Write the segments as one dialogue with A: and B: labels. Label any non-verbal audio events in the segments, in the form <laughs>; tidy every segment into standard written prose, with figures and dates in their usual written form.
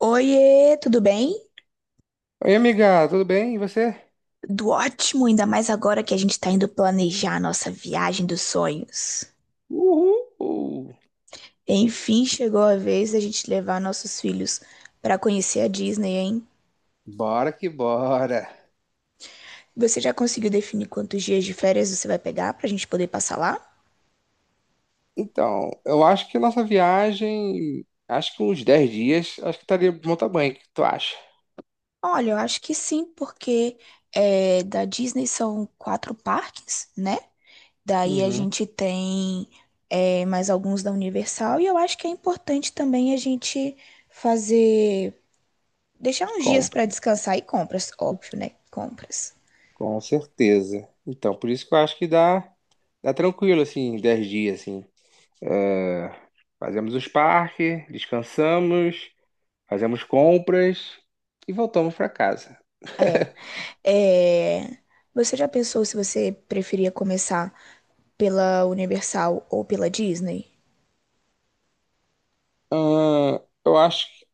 A: Oiê, tudo bem?
B: Oi, amiga, tudo bem? E você?
A: Tudo ótimo, ainda mais agora que a gente tá indo planejar a nossa viagem dos sonhos.
B: Uhul!
A: Enfim, chegou a vez da gente levar nossos filhos pra conhecer a Disney, hein?
B: Bora que bora!
A: Você já conseguiu definir quantos dias de férias você vai pegar pra gente poder passar lá?
B: Então, eu acho que nossa viagem, acho que uns 10 dias, acho que estaria de bom tamanho, o que tu acha?
A: Olha, eu acho que sim, porque da Disney são quatro parques, né? Daí a
B: Uhum.
A: gente tem mais alguns da Universal e eu acho que é importante também a gente fazer deixar uns dias
B: Compra,
A: para descansar e compras, óbvio, né? Compras.
B: com certeza. Então, por isso que eu acho que dá tranquilo, assim, 10 dias, assim. Fazemos os parques, descansamos, fazemos compras e voltamos para casa.
A: É. É. Você já pensou se você preferia começar pela Universal ou pela Disney?
B: Ahn, eu acho que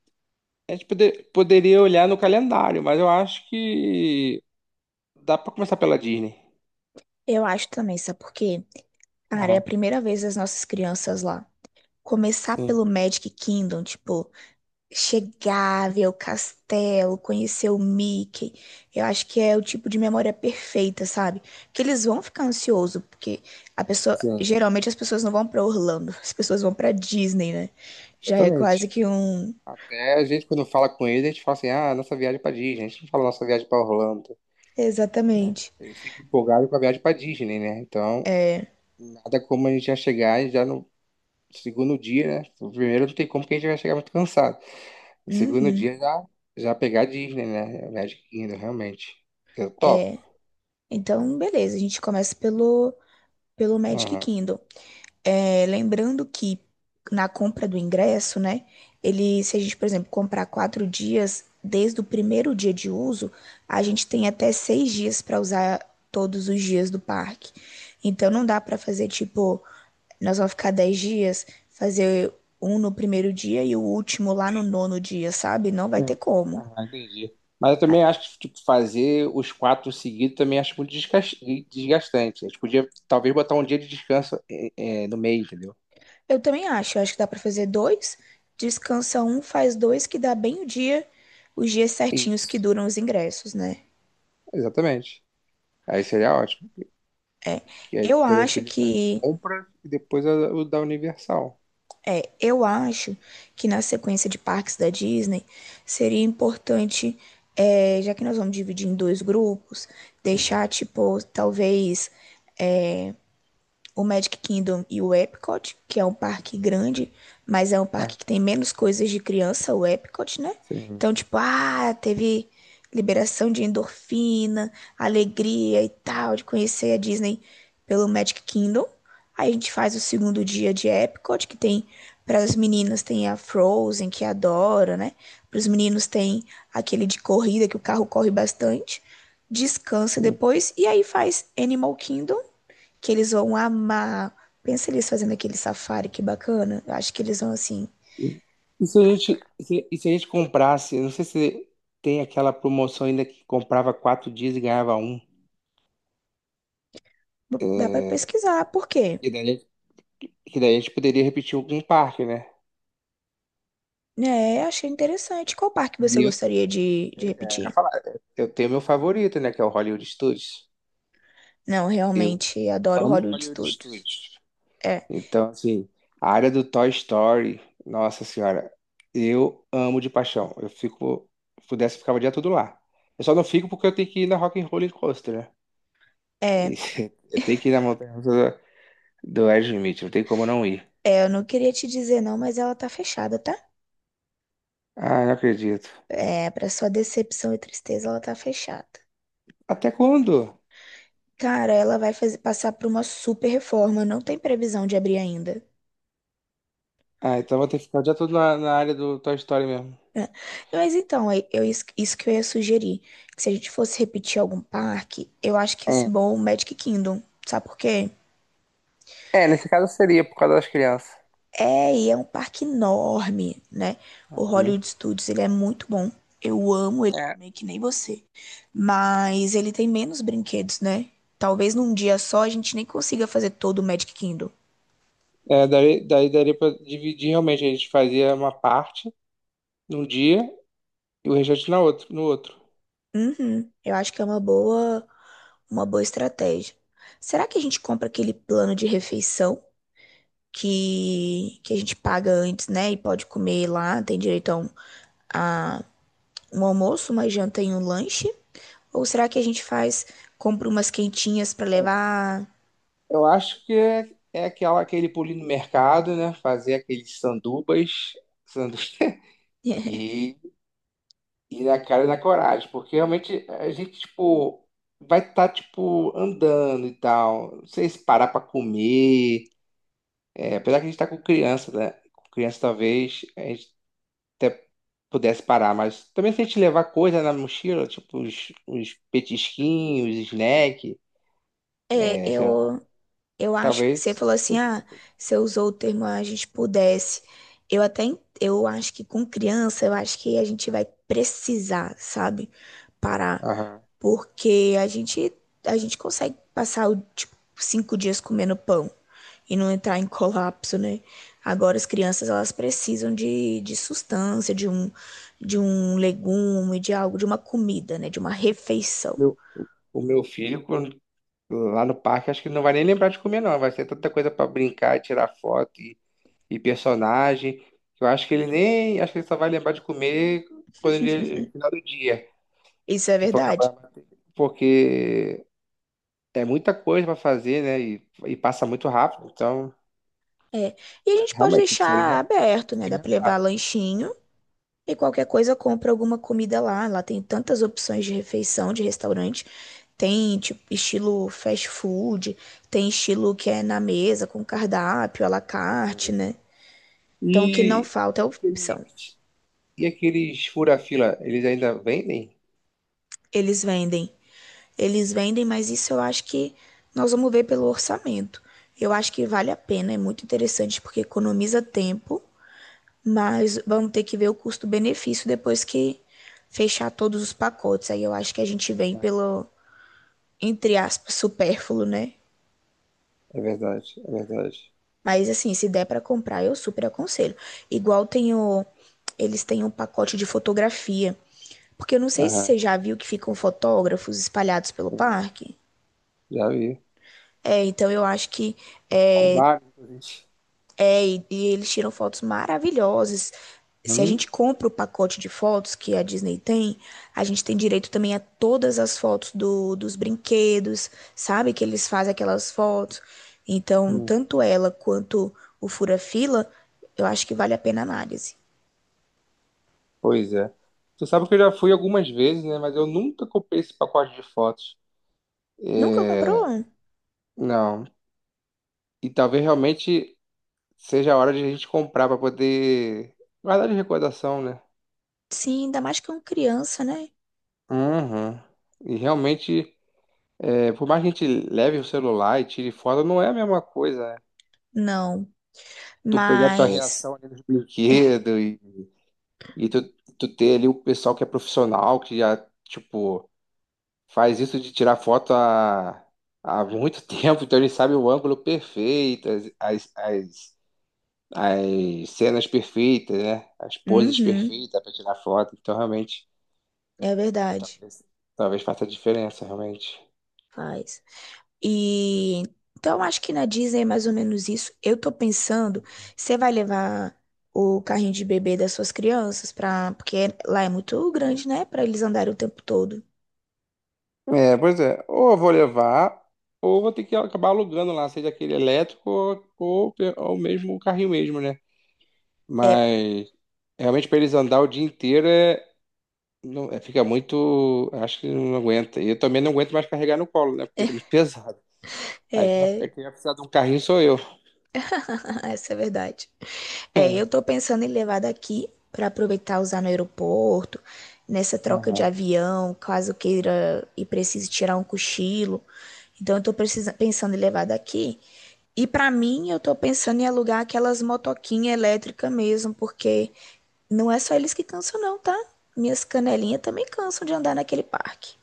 B: a gente poderia olhar no calendário, mas eu acho que dá pra começar pela Disney.
A: Eu acho também, sabe por quê? Cara, é a
B: Aham.
A: primeira vez das nossas crianças lá. Começar
B: Sim,
A: pelo Magic Kingdom, tipo, chegar, ver o castelo, conhecer o Mickey. Eu acho que é o tipo de memória perfeita, sabe? Que eles vão ficar ansiosos, porque
B: sim,
A: geralmente as pessoas não vão pra Orlando, <laughs> as pessoas vão pra Disney, né? Já é quase
B: exatamente.
A: que um,
B: Até a gente, quando fala com eles, a gente fala assim, ah, nossa viagem pra Disney. A gente não fala nossa viagem pra Orlando, né?
A: exatamente.
B: Eles ficam empolgados com a viagem pra Disney, né? Então,
A: É,
B: nada como a gente já chegar e já no segundo dia, né? O primeiro não tem como que a gente vai chegar muito cansado. O segundo
A: uhum.
B: dia já pegar a Disney, né? A Magic Kingdom, realmente. Eu topo.
A: É. Então, beleza, a gente começa pelo Magic
B: Aham.
A: Kingdom. É, lembrando que na compra do ingresso, né? Ele, se a gente, por exemplo, comprar 4 dias, desde o primeiro dia de uso, a gente tem até 6 dias para usar todos os dias do parque. Então não dá para fazer tipo, nós vamos ficar 10 dias, fazer um no primeiro dia e o último lá no nono dia, sabe? Não vai ter
B: Hum.
A: como.
B: Ah, entendi. Mas eu também acho que tipo, fazer os quatro seguidos também acho muito desgastante. A gente podia talvez botar um dia de descanso, no meio, entendeu?
A: Eu também acho, eu acho que dá para fazer dois, descansa um, faz dois, que dá bem o dia, os dias certinhos que
B: Isso.
A: duram os ingressos, né?
B: Exatamente. Aí seria ótimo. Porque aí
A: Eu
B: depois a gente
A: acho
B: podia fazer
A: que
B: compra e depois o da Universal.
A: eu acho que na sequência de parques da Disney seria importante, é, já que nós vamos dividir em dois grupos, deixar tipo talvez é, o Magic Kingdom e o Epcot, que é um parque grande, mas é um
B: Ah,
A: parque que tem menos coisas de criança, o Epcot, né?
B: sim.
A: Então, tipo, ah, teve liberação de endorfina, alegria e tal, de conhecer a Disney pelo Magic Kingdom. Aí a gente faz o segundo dia de Epcot, que tem para as meninas tem a Frozen, que adora, né? Para os meninos tem aquele de corrida que o carro corre bastante. Descansa depois e aí faz Animal Kingdom que eles vão amar. Pensa eles fazendo aquele safari, que bacana. Eu acho que eles vão assim.
B: Sim. E se a gente comprasse, eu não sei se tem aquela promoção ainda que comprava 4 dias e ganhava um.
A: Dá pra
B: É,
A: pesquisar, por quê?
B: e daí, que daí a gente poderia repetir algum parque, né?
A: É, achei interessante. Qual parque você gostaria de
B: Pois é, eu ia
A: repetir?
B: falar, eu tenho meu favorito, né, que é o Hollywood Studios.
A: Não,
B: Eu
A: realmente adoro
B: amo
A: Hollywood
B: Hollywood
A: Studios.
B: Studios.
A: É,
B: Então, assim, a área do Toy Story, nossa senhora, eu amo de paixão. Eu fico, se pudesse, eu ficava o dia todo lá. Eu só não fico porque eu tenho que ir na Rock and Roller Coaster, né? E
A: é,
B: <laughs> eu tenho que ir na montanha russa do Aerosmith, não tem como não ir.
A: é, eu não queria te dizer não, mas ela tá fechada, tá?
B: Ah, não acredito.
A: É, pra sua decepção e tristeza, ela tá fechada.
B: Até quando?
A: Cara, ela vai fazer, passar por uma super reforma, não tem previsão de abrir ainda.
B: Ah, então vou ter que ficar o dia todo na, na área do Toy Story mesmo.
A: É. Mas então, é- eu, isso que eu ia sugerir, que se a gente fosse repetir algum parque, eu acho que ia
B: É,
A: ser bom o Magic Kingdom, sabe por quê?
B: é, nesse caso seria por causa das crianças.
A: É, e é um parque enorme, né? O Hollywood Studios, ele é muito bom, eu amo ele
B: É,
A: também, que nem você, mas ele tem menos brinquedos, né? Talvez num dia só a gente nem consiga fazer todo o Magic Kingdom.
B: é, daí daria pra dividir realmente. A gente fazia uma parte num dia e o restante no outro.
A: Uhum, eu acho que é uma boa estratégia. Será que a gente compra aquele plano de refeição? Que a gente paga antes, né? E pode comer lá, tem direito a um almoço, uma janta e um lanche? Ou será que a gente compra umas quentinhas pra levar?
B: Eu acho que é aquele pulinho no mercado, né? Fazer aqueles sandubas, sandu- <laughs>
A: <laughs>
B: e e na cara e na coragem, porque realmente a gente, tipo, vai estar, tipo, andando e tal. Não sei se parar pra comer. É, apesar que a gente tá com criança, né? Com criança, talvez, a gente pudesse parar, mas também se a gente levar coisa na mochila, tipo os petisquinhos, snack,
A: É,
B: sei lá,
A: eu acho que você
B: talvez,
A: falou assim, ah, você usou o termo a gente pudesse. Eu acho que com criança, eu acho que a gente vai precisar, sabe? Parar
B: aham.
A: porque a gente consegue passar o, tipo, 5 dias comendo pão e não entrar em colapso, né? Agora as crianças elas precisam de sustância, de um legume, de algo, de uma comida, né? De uma refeição.
B: Meu- o meu filho lá no parque acho que ele não vai nem lembrar de comer não, vai ser tanta coisa pra brincar, tirar foto e personagem, que eu acho que ele nem, acho que ele só vai lembrar de comer quando ele, no final do dia,
A: Isso é
B: que for
A: verdade?
B: acabar, porque é muita coisa pra fazer, né, e passa muito rápido, então,
A: É. E a
B: mas
A: gente pode
B: realmente tem que se alimentar,
A: deixar
B: tem que
A: aberto,
B: se
A: né? Dá para levar
B: alimentar. Né, é.
A: lanchinho. E qualquer coisa, compra alguma comida lá. Lá tem tantas opções de refeição, de restaurante. Tem, tipo, estilo fast food, tem estilo que é na mesa, com cardápio, à la carte,
B: Hum.
A: né? Então, o que não
B: E,
A: falta
B: e
A: é opção.
B: aqueles fura-fila, eles ainda vendem?
A: Eles vendem. Eles vendem, mas isso eu acho que nós vamos ver pelo orçamento. Eu acho que vale a pena, é muito interessante, porque economiza tempo, mas vamos ter que ver o custo-benefício depois que fechar todos os pacotes. Aí eu acho que a gente vem pelo entre aspas, supérfluo, né?
B: É verdade, é verdade.
A: Mas assim, se der pra comprar, eu super aconselho. Igual tem o, eles têm um pacote de fotografia. Porque eu não sei se
B: Aham,
A: você já viu que ficam fotógrafos espalhados pelo
B: hum,
A: parque.
B: já vi.
A: É, então eu acho que
B: Com
A: é,
B: vários, inclusive.
A: É, e eles tiram fotos maravilhosas. Se a
B: Hum,
A: gente compra o pacote de fotos que a Disney tem, a gente tem direito também a todas as fotos dos brinquedos, sabe? Que eles fazem aquelas fotos. Então,
B: hum.
A: tanto ela quanto o Fura-Fila, eu acho que vale a pena a análise.
B: Pois é. Tu sabe que eu já fui algumas vezes, né? Mas eu nunca comprei esse pacote de fotos.
A: Nunca
B: É,
A: comprou?
B: não. E talvez realmente seja a hora de a gente comprar para poder guardar de recordação, né?
A: Sim, ainda mais que é uma criança, né?
B: Uhum. E realmente, é, por mais que a gente leve o celular e tire foto, não é a mesma coisa, né?
A: Não.
B: Tu pegar a tua
A: Mas.
B: reação ali nos brinquedos e tu ter ali o pessoal que é profissional, que já, tipo, faz isso de tirar foto há muito <laughs> tempo, então ele sabe o ângulo perfeito, as cenas perfeitas, né? As poses
A: Uhum,
B: perfeitas para tirar foto. Então, realmente,
A: é verdade.
B: talvez, talvez faça diferença, realmente.
A: Faz. E então acho que na Disney é mais ou menos isso. Eu tô pensando, você vai levar o carrinho de bebê das suas crianças para, porque lá é muito grande, né, pra eles andarem o tempo todo.
B: É, pois é. Ou eu vou levar, ou vou ter que acabar alugando lá, seja aquele elétrico ou mesmo o carrinho mesmo, né?
A: É,
B: Mas realmente para eles andar o dia inteiro fica muito. Acho que não aguenta. E eu também não aguento mais carregar no colo, né? Porque isso é muito pesado. Aí quem vai precisar de um carrinho sou eu.
A: <laughs> essa é a verdade. É, eu tô
B: <laughs>
A: pensando em levar daqui pra aproveitar e usar no aeroporto, nessa
B: É,
A: troca de
B: aham.
A: avião, caso queira e precise tirar um cochilo. Então eu tô pensando em levar daqui. E para mim, eu tô pensando em alugar aquelas motoquinhas elétricas mesmo, porque não é só eles que cansam, não, tá? Minhas canelinhas também cansam de andar naquele parque.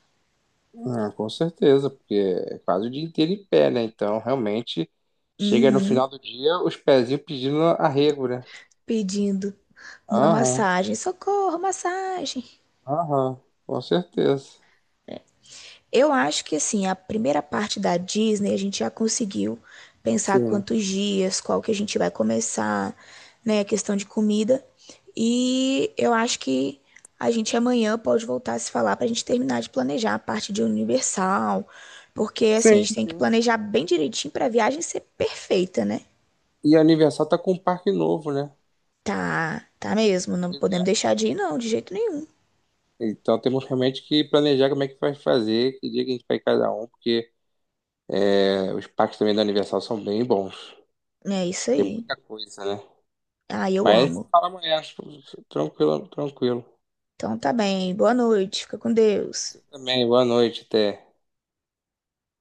B: Ah, com certeza, porque é quase o dia inteiro em pé, né? Então, realmente, chega no
A: Uhum,
B: final do dia, os pezinhos pedindo arrego, né?
A: pedindo uma
B: Aham,
A: massagem. Socorro, massagem.
B: aham, com certeza.
A: Eu acho que assim, a primeira parte da Disney a gente já conseguiu pensar
B: Sim.
A: quantos dias, qual que a gente vai começar, né, a questão de comida. E eu acho que a gente amanhã pode voltar a se falar para a gente terminar de planejar a parte de Universal, porque assim, a
B: Sim,
A: gente tem que
B: sim.
A: planejar bem direitinho para a viagem ser perfeita, né?
B: E a Universal tá com um parque novo, né?
A: Tá, tá mesmo, não
B: Pois é.
A: podemos deixar de ir não, de jeito nenhum.
B: Então temos realmente que planejar como é que vai fazer, que dia que a gente vai cada um, porque os parques também da Universal são bem bons.
A: É isso
B: Tem
A: aí.
B: muita coisa, né?
A: Ah, eu
B: Mas
A: amo.
B: fala amanhã, tranquilo, tranquilo.
A: Então tá bem, boa noite, fica com Deus.
B: Também, boa noite, até.